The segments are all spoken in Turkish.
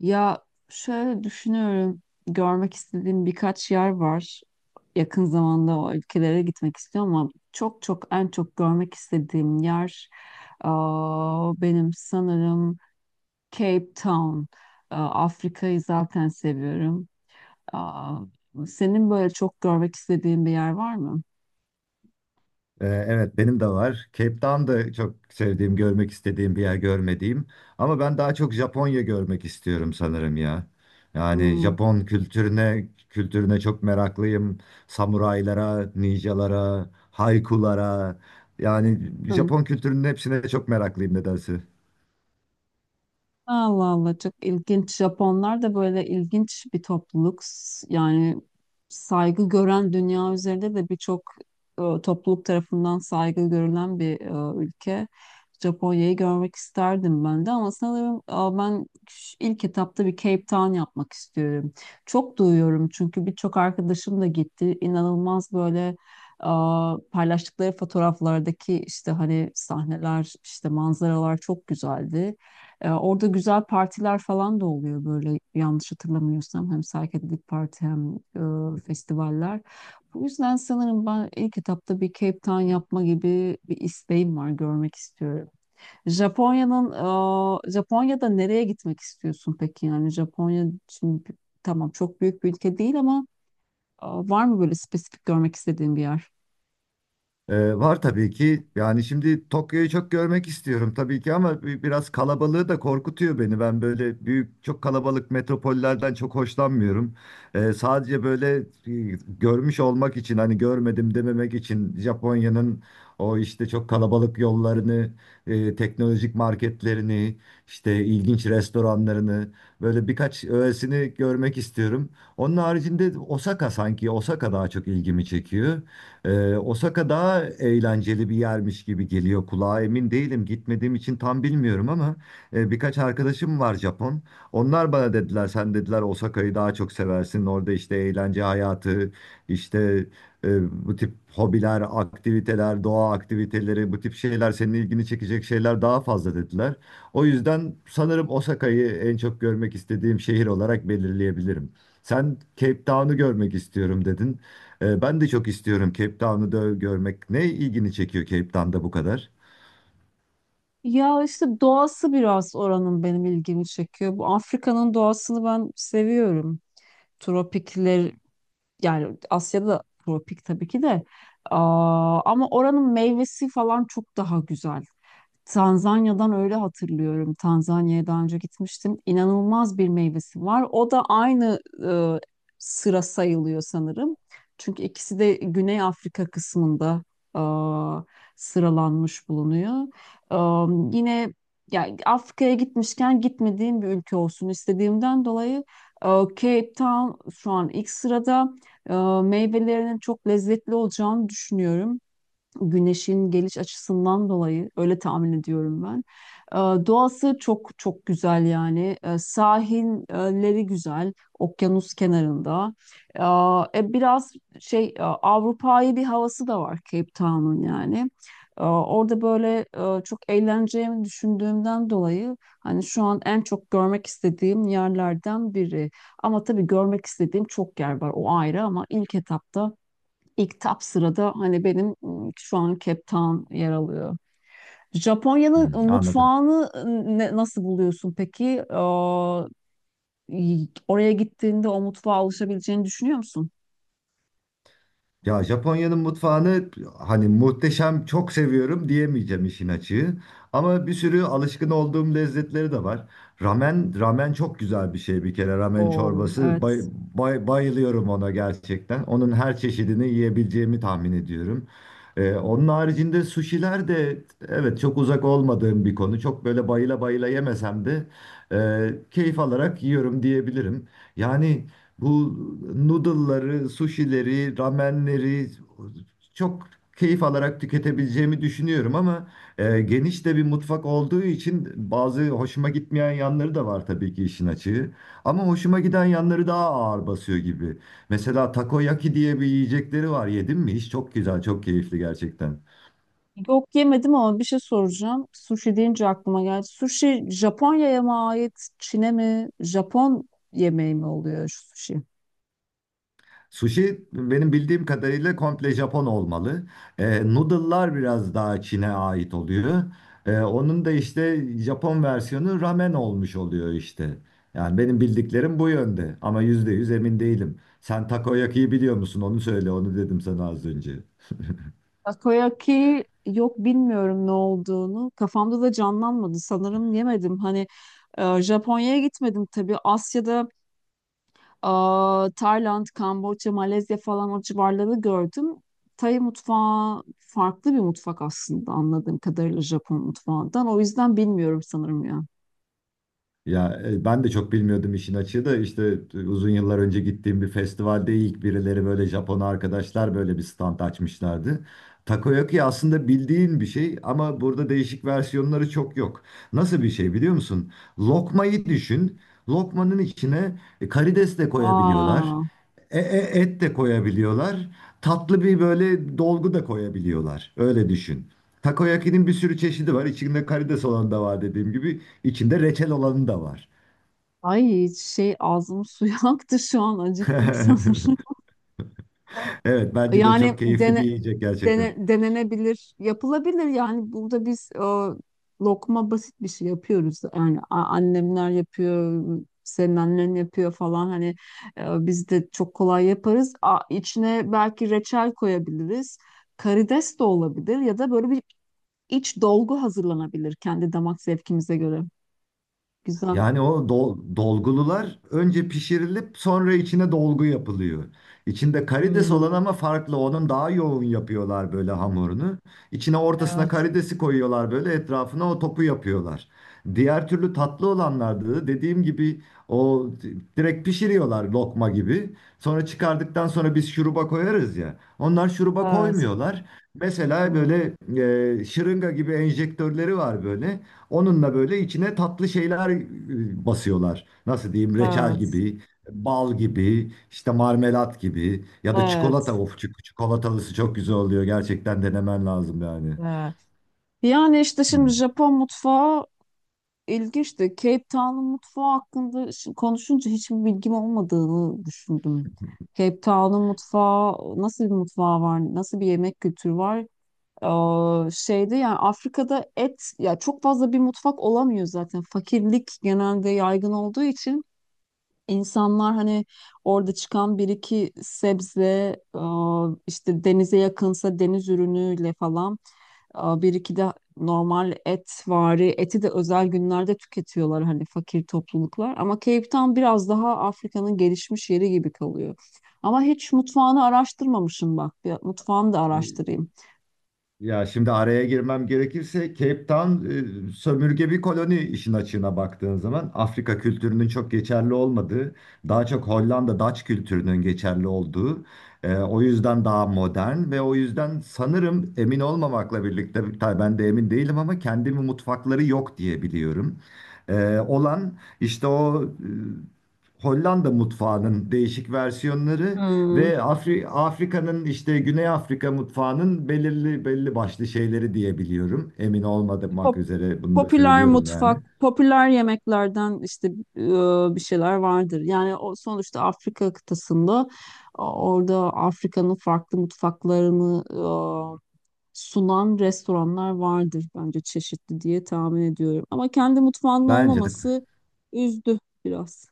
Ya, şöyle düşünüyorum. Görmek istediğim birkaç yer var. Yakın zamanda o ülkelere gitmek istiyorum ama çok çok en çok görmek istediğim yer benim sanırım Cape Town. Afrika'yı zaten seviyorum. Aa, Senin böyle çok görmek istediğin bir yer var mı? Evet benim de var. Cape Town da çok sevdiğim, görmek istediğim bir yer görmediğim. Ama ben daha çok Japonya görmek istiyorum sanırım ya. Yani Hmm. Japon kültürüne çok meraklıyım. Samuraylara, ninjalara, haikulara. Yani Japon kültürünün hepsine çok meraklıyım nedense. Allah Allah, çok ilginç. Japonlar da böyle ilginç bir topluluk. Yani saygı gören, dünya üzerinde de birçok topluluk tarafından saygı görülen bir ülke. Japonya'yı görmek isterdim ben de ama sanırım ilk etapta bir Cape Town yapmak istiyorum. Çok duyuyorum çünkü birçok arkadaşım da gitti. İnanılmaz böyle e, paylaştıkları fotoğraflardaki işte hani sahneler, işte manzaralar çok güzeldi. Orada güzel partiler falan da oluyor böyle, yanlış hatırlamıyorsam. Hem psychedelic parti hem festivaller. Bu yüzden sanırım ben ilk etapta bir Cape Town yapma gibi bir isteğim var. Görmek istiyorum. Japonya'nın Japonya'da nereye gitmek istiyorsun peki? Yani Japonya şimdi tamam, çok büyük bir ülke değil ama var mı böyle spesifik görmek istediğin bir yer? Var tabii ki. Yani şimdi Tokyo'yu çok görmek istiyorum tabii ki ama biraz kalabalığı da korkutuyor beni. Ben böyle büyük, çok kalabalık metropollerden çok hoşlanmıyorum. Sadece böyle görmüş olmak için hani görmedim dememek için Japonya'nın o işte çok kalabalık yollarını, teknolojik marketlerini, işte ilginç restoranlarını böyle birkaç öğesini görmek istiyorum. Onun haricinde Osaka sanki Osaka daha çok ilgimi çekiyor. Osaka daha eğlenceli bir yermiş gibi geliyor kulağa. Emin değilim. Gitmediğim için tam bilmiyorum ama birkaç arkadaşım var Japon. Onlar bana dediler, sen dediler Osaka'yı daha çok seversin. Orada işte eğlence hayatı, işte bu tip hobiler, aktiviteler, doğa aktiviteleri, bu tip şeyler senin ilgini çekecek şeyler daha fazla dediler. O yüzden sanırım Osaka'yı en çok görmek istediğim şehir olarak belirleyebilirim. Sen Cape Town'u görmek istiyorum dedin. Ben de çok istiyorum Cape Town'u da görmek. Ne ilgini çekiyor Cape Town'da bu kadar? Ya işte doğası biraz oranın benim ilgimi çekiyor. Bu Afrika'nın doğasını ben seviyorum. Tropikler, yani Asya'da tropik tabii ki de. Ama oranın meyvesi falan çok daha güzel. Tanzanya'dan öyle hatırlıyorum. Tanzanya'ya daha önce gitmiştim. İnanılmaz bir meyvesi var. O da aynı e, sıra sayılıyor sanırım. Çünkü ikisi de Güney Afrika kısmında e, sıralanmış bulunuyor. E, Yine, yani Afrika'ya gitmişken gitmediğim bir ülke olsun istediğimden dolayı Cape Town şu an ilk sırada. E, Meyvelerinin çok lezzetli olacağını düşünüyorum, güneşin geliş açısından dolayı öyle tahmin ediyorum ben. Ee, Doğası çok çok güzel yani. Sahilleri güzel, okyanus kenarında. Biraz Avrupa'yı bir havası da var Cape Town'un yani. Orada böyle çok eğleneceğimi düşündüğümden dolayı hani şu an en çok görmek istediğim yerlerden biri. Ama tabii görmek istediğim çok yer var, o ayrı, ama ilk etapta, İlk sırada hani benim şu an Cape Town yer alıyor. Japonya'nın Hmm, anladım. mutfağını nasıl buluyorsun peki? Oraya gittiğinde o mutfağa alışabileceğini düşünüyor musun? Ya Japonya'nın mutfağını hani muhteşem çok seviyorum diyemeyeceğim işin açığı. Ama bir sürü alışkın olduğum lezzetleri de var. Ramen çok güzel bir şey bir kere. Ramen Oo, çorbası evet. Bayılıyorum ona gerçekten. Onun her çeşidini yiyebileceğimi tahmin ediyorum. Onun haricinde suşiler de evet çok uzak olmadığım bir konu. Çok böyle bayıla bayıla yemesem de keyif alarak yiyorum diyebilirim. Yani bu noodle'ları, sushi'leri, ramenleri çok keyif alarak tüketebileceğimi düşünüyorum ama geniş de bir mutfak olduğu için bazı hoşuma gitmeyen yanları da var tabii ki işin açığı. Ama hoşuma giden yanları daha ağır basıyor gibi. Mesela takoyaki diye bir yiyecekleri var. Yedim mi? Hiç çok güzel, çok keyifli gerçekten. Yok, yemedim ama bir şey soracağım. Sushi deyince aklıma geldi. Sushi Japonya'ya mı ait, Çin'e mi? Japon yemeği mi oluyor şu sushi? Sushi benim bildiğim kadarıyla komple Japon olmalı. E, noodle'lar biraz daha Çin'e ait oluyor. E, onun da işte Japon versiyonu ramen olmuş oluyor işte. Yani benim bildiklerim bu yönde ama %100 emin değilim. Sen takoyaki'yi biliyor musun? Onu söyle, onu dedim sana az önce. Takoyaki, yok bilmiyorum ne olduğunu. Kafamda da canlanmadı. Sanırım yemedim. Hani Japonya'ya gitmedim tabii. Asya'da e, Tayland, Kamboçya, Malezya falan o civarları gördüm. Tay mutfağı farklı bir mutfak aslında anladığım kadarıyla Japon mutfağından. O yüzden bilmiyorum sanırım ya. Ya ben de çok bilmiyordum işin açığı da işte uzun yıllar önce gittiğim bir festivalde ilk birileri böyle Japon arkadaşlar böyle bir stand açmışlardı. Takoyaki aslında bildiğin bir şey ama burada değişik versiyonları çok yok. Nasıl bir şey biliyor musun? Lokmayı düşün. Lokmanın içine karides de koyabiliyorlar. Aa, Et de koyabiliyorlar. Tatlı bir böyle dolgu da koyabiliyorlar. Öyle düşün. Takoyaki'nin bir sürü çeşidi var. İçinde karides olan da var dediğim gibi. İçinde reçel olanı da var. Ay şey, ağzım suyu aktı, şu an acıktım sanırım. Evet bence de çok Yani keyifli bir yiyecek gerçekten. Denenebilir, yapılabilir. Yani burada biz lokma basit bir şey yapıyoruz. Yani annemler yapıyor, senin annen yapıyor falan. Hani biz de çok kolay yaparız. A, içine belki reçel koyabiliriz. Karides de olabilir ya da böyle bir iç dolgu hazırlanabilir kendi damak zevkimize göre. Güzel. Yani o dolgulular önce pişirilip sonra içine dolgu yapılıyor. İçinde karides olan Hmm. ama farklı. Onun daha yoğun yapıyorlar böyle hamurunu. İçine ortasına Evet. karidesi koyuyorlar böyle etrafına o topu yapıyorlar. Diğer türlü tatlı olanlarda da dediğim gibi o direkt pişiriyorlar lokma gibi. Sonra çıkardıktan sonra biz şuruba koyarız ya. Onlar şuruba Evet. koymuyorlar. Mesela Hmm. böyle şırınga gibi enjektörleri var böyle. Onunla böyle içine tatlı şeyler basıyorlar. Nasıl diyeyim? Reçel Evet, gibi, bal gibi, işte marmelat gibi ya da çikolata. evet, Of, çikolatalısı çok güzel oluyor. Gerçekten denemen lazım yani. evet. Yani işte şimdi Hmm. Japon mutfağı İlginçti. Cape Town'un mutfağı hakkında konuşunca hiçbir bilgim olmadığını düşündüm. Cape Town'un mutfağı, nasıl bir mutfağı var? Nasıl bir yemek kültürü var? Şeyde, yani Afrika'da et, ya çok fazla bir mutfak olamıyor zaten. Fakirlik genelde yaygın olduğu için insanlar hani orada çıkan bir iki sebze, e, işte denize yakınsa deniz ürünüyle falan. Bir iki de normal et vari eti de özel günlerde tüketiyorlar hani fakir topluluklar. Ama Cape Town biraz daha Afrika'nın gelişmiş yeri gibi kalıyor. Ama hiç mutfağını araştırmamışım bak. Bir mutfağını da araştırayım. Ya şimdi araya girmem gerekirse Cape Town sömürge bir koloni işin açığına baktığın zaman Afrika kültürünün çok geçerli olmadığı, daha çok Hollanda Dutch kültürünün geçerli olduğu, o yüzden daha modern ve o yüzden sanırım emin olmamakla birlikte tabii ben de emin değilim ama kendimi mutfakları yok diye biliyorum. E, olan işte o Hollanda mutfağının değişik versiyonları Hmm. ve Afrika'nın işte Güney Afrika mutfağının belirli belli başlı şeyleri diyebiliyorum. Emin olmamak pop- üzere bunu da Popüler söylüyorum yani. mutfak, popüler yemeklerden işte bir şeyler vardır. Yani o sonuçta Afrika kıtasında, o- orada Afrika'nın farklı mutfaklarını sunan restoranlar vardır bence çeşitli, diye tahmin ediyorum. Ama kendi mutfağının Bence de. olmaması üzdü biraz.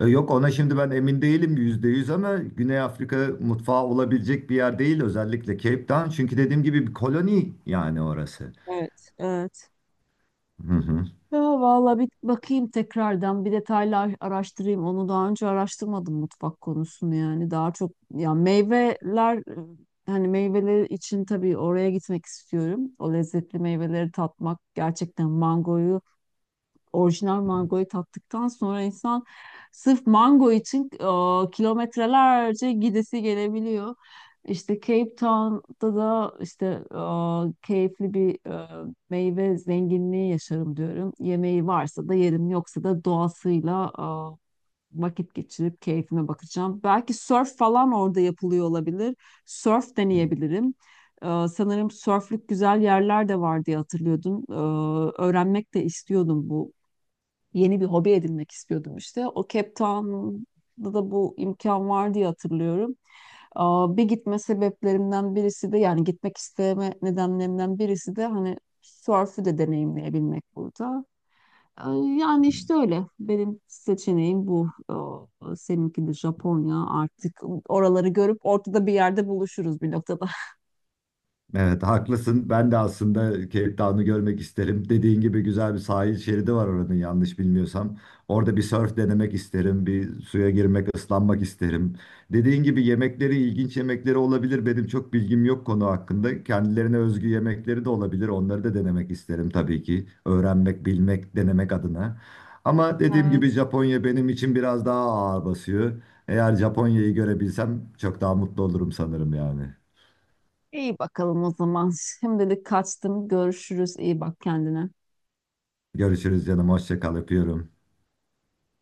E, yok ona şimdi ben emin değilim %100 ama Güney Afrika mutfağı olabilecek bir yer değil özellikle Cape Town. Çünkü dediğim gibi bir koloni yani orası. Evet, evet. Hı hı. Ya valla bir bakayım tekrardan, bir detaylı araştırayım. Onu daha önce araştırmadım, mutfak konusunu yani. Daha çok ya meyveler, hani meyveler için tabii oraya gitmek istiyorum. O lezzetli meyveleri tatmak, gerçekten mangoyu, orijinal mangoyu tattıktan sonra insan sırf mango için kilometrelerce gidesi gelebiliyor. İşte Cape Town'da da işte e, keyifli bir meyve zenginliği yaşarım diyorum. Yemeği varsa da yerim, yoksa da doğasıyla vakit geçirip keyfime bakacağım. Belki surf falan orada yapılıyor olabilir. Surf deneyebilirim. Sanırım sörflük güzel yerler de var diye hatırlıyordum. Öğrenmek de istiyordum bu, yeni bir hobi edinmek istiyordum işte. O Cape Town'da da bu imkan var diye hatırlıyorum. Bir gitme sebeplerimden birisi de, yani gitmek isteme nedenlerimden birisi de hani sörfü de deneyimleyebilmek burada. Ee, Yani işte öyle. Benim seçeneğim bu. Seninki de Japonya. Artık oraları görüp ortada bir yerde buluşuruz bir noktada. Evet haklısın. Ben de aslında Cape Town'u görmek isterim. Dediğin gibi güzel bir sahil şeridi var oranın yanlış bilmiyorsam. Orada bir surf denemek isterim. Bir suya girmek, ıslanmak isterim. Dediğin gibi yemekleri ilginç yemekleri olabilir. Benim çok bilgim yok konu hakkında. Kendilerine özgü yemekleri de olabilir. Onları da denemek isterim tabii ki. Öğrenmek, bilmek, denemek adına. Ama dediğim gibi Evet. Japonya benim için biraz daha ağır basıyor. Eğer Japonya'yı görebilsem çok daha mutlu olurum sanırım yani. İyi bakalım o zaman. Şimdilik kaçtım. Görüşürüz. İyi bak kendine. Görüşürüz canım. Hoşça kal. Öpüyorum.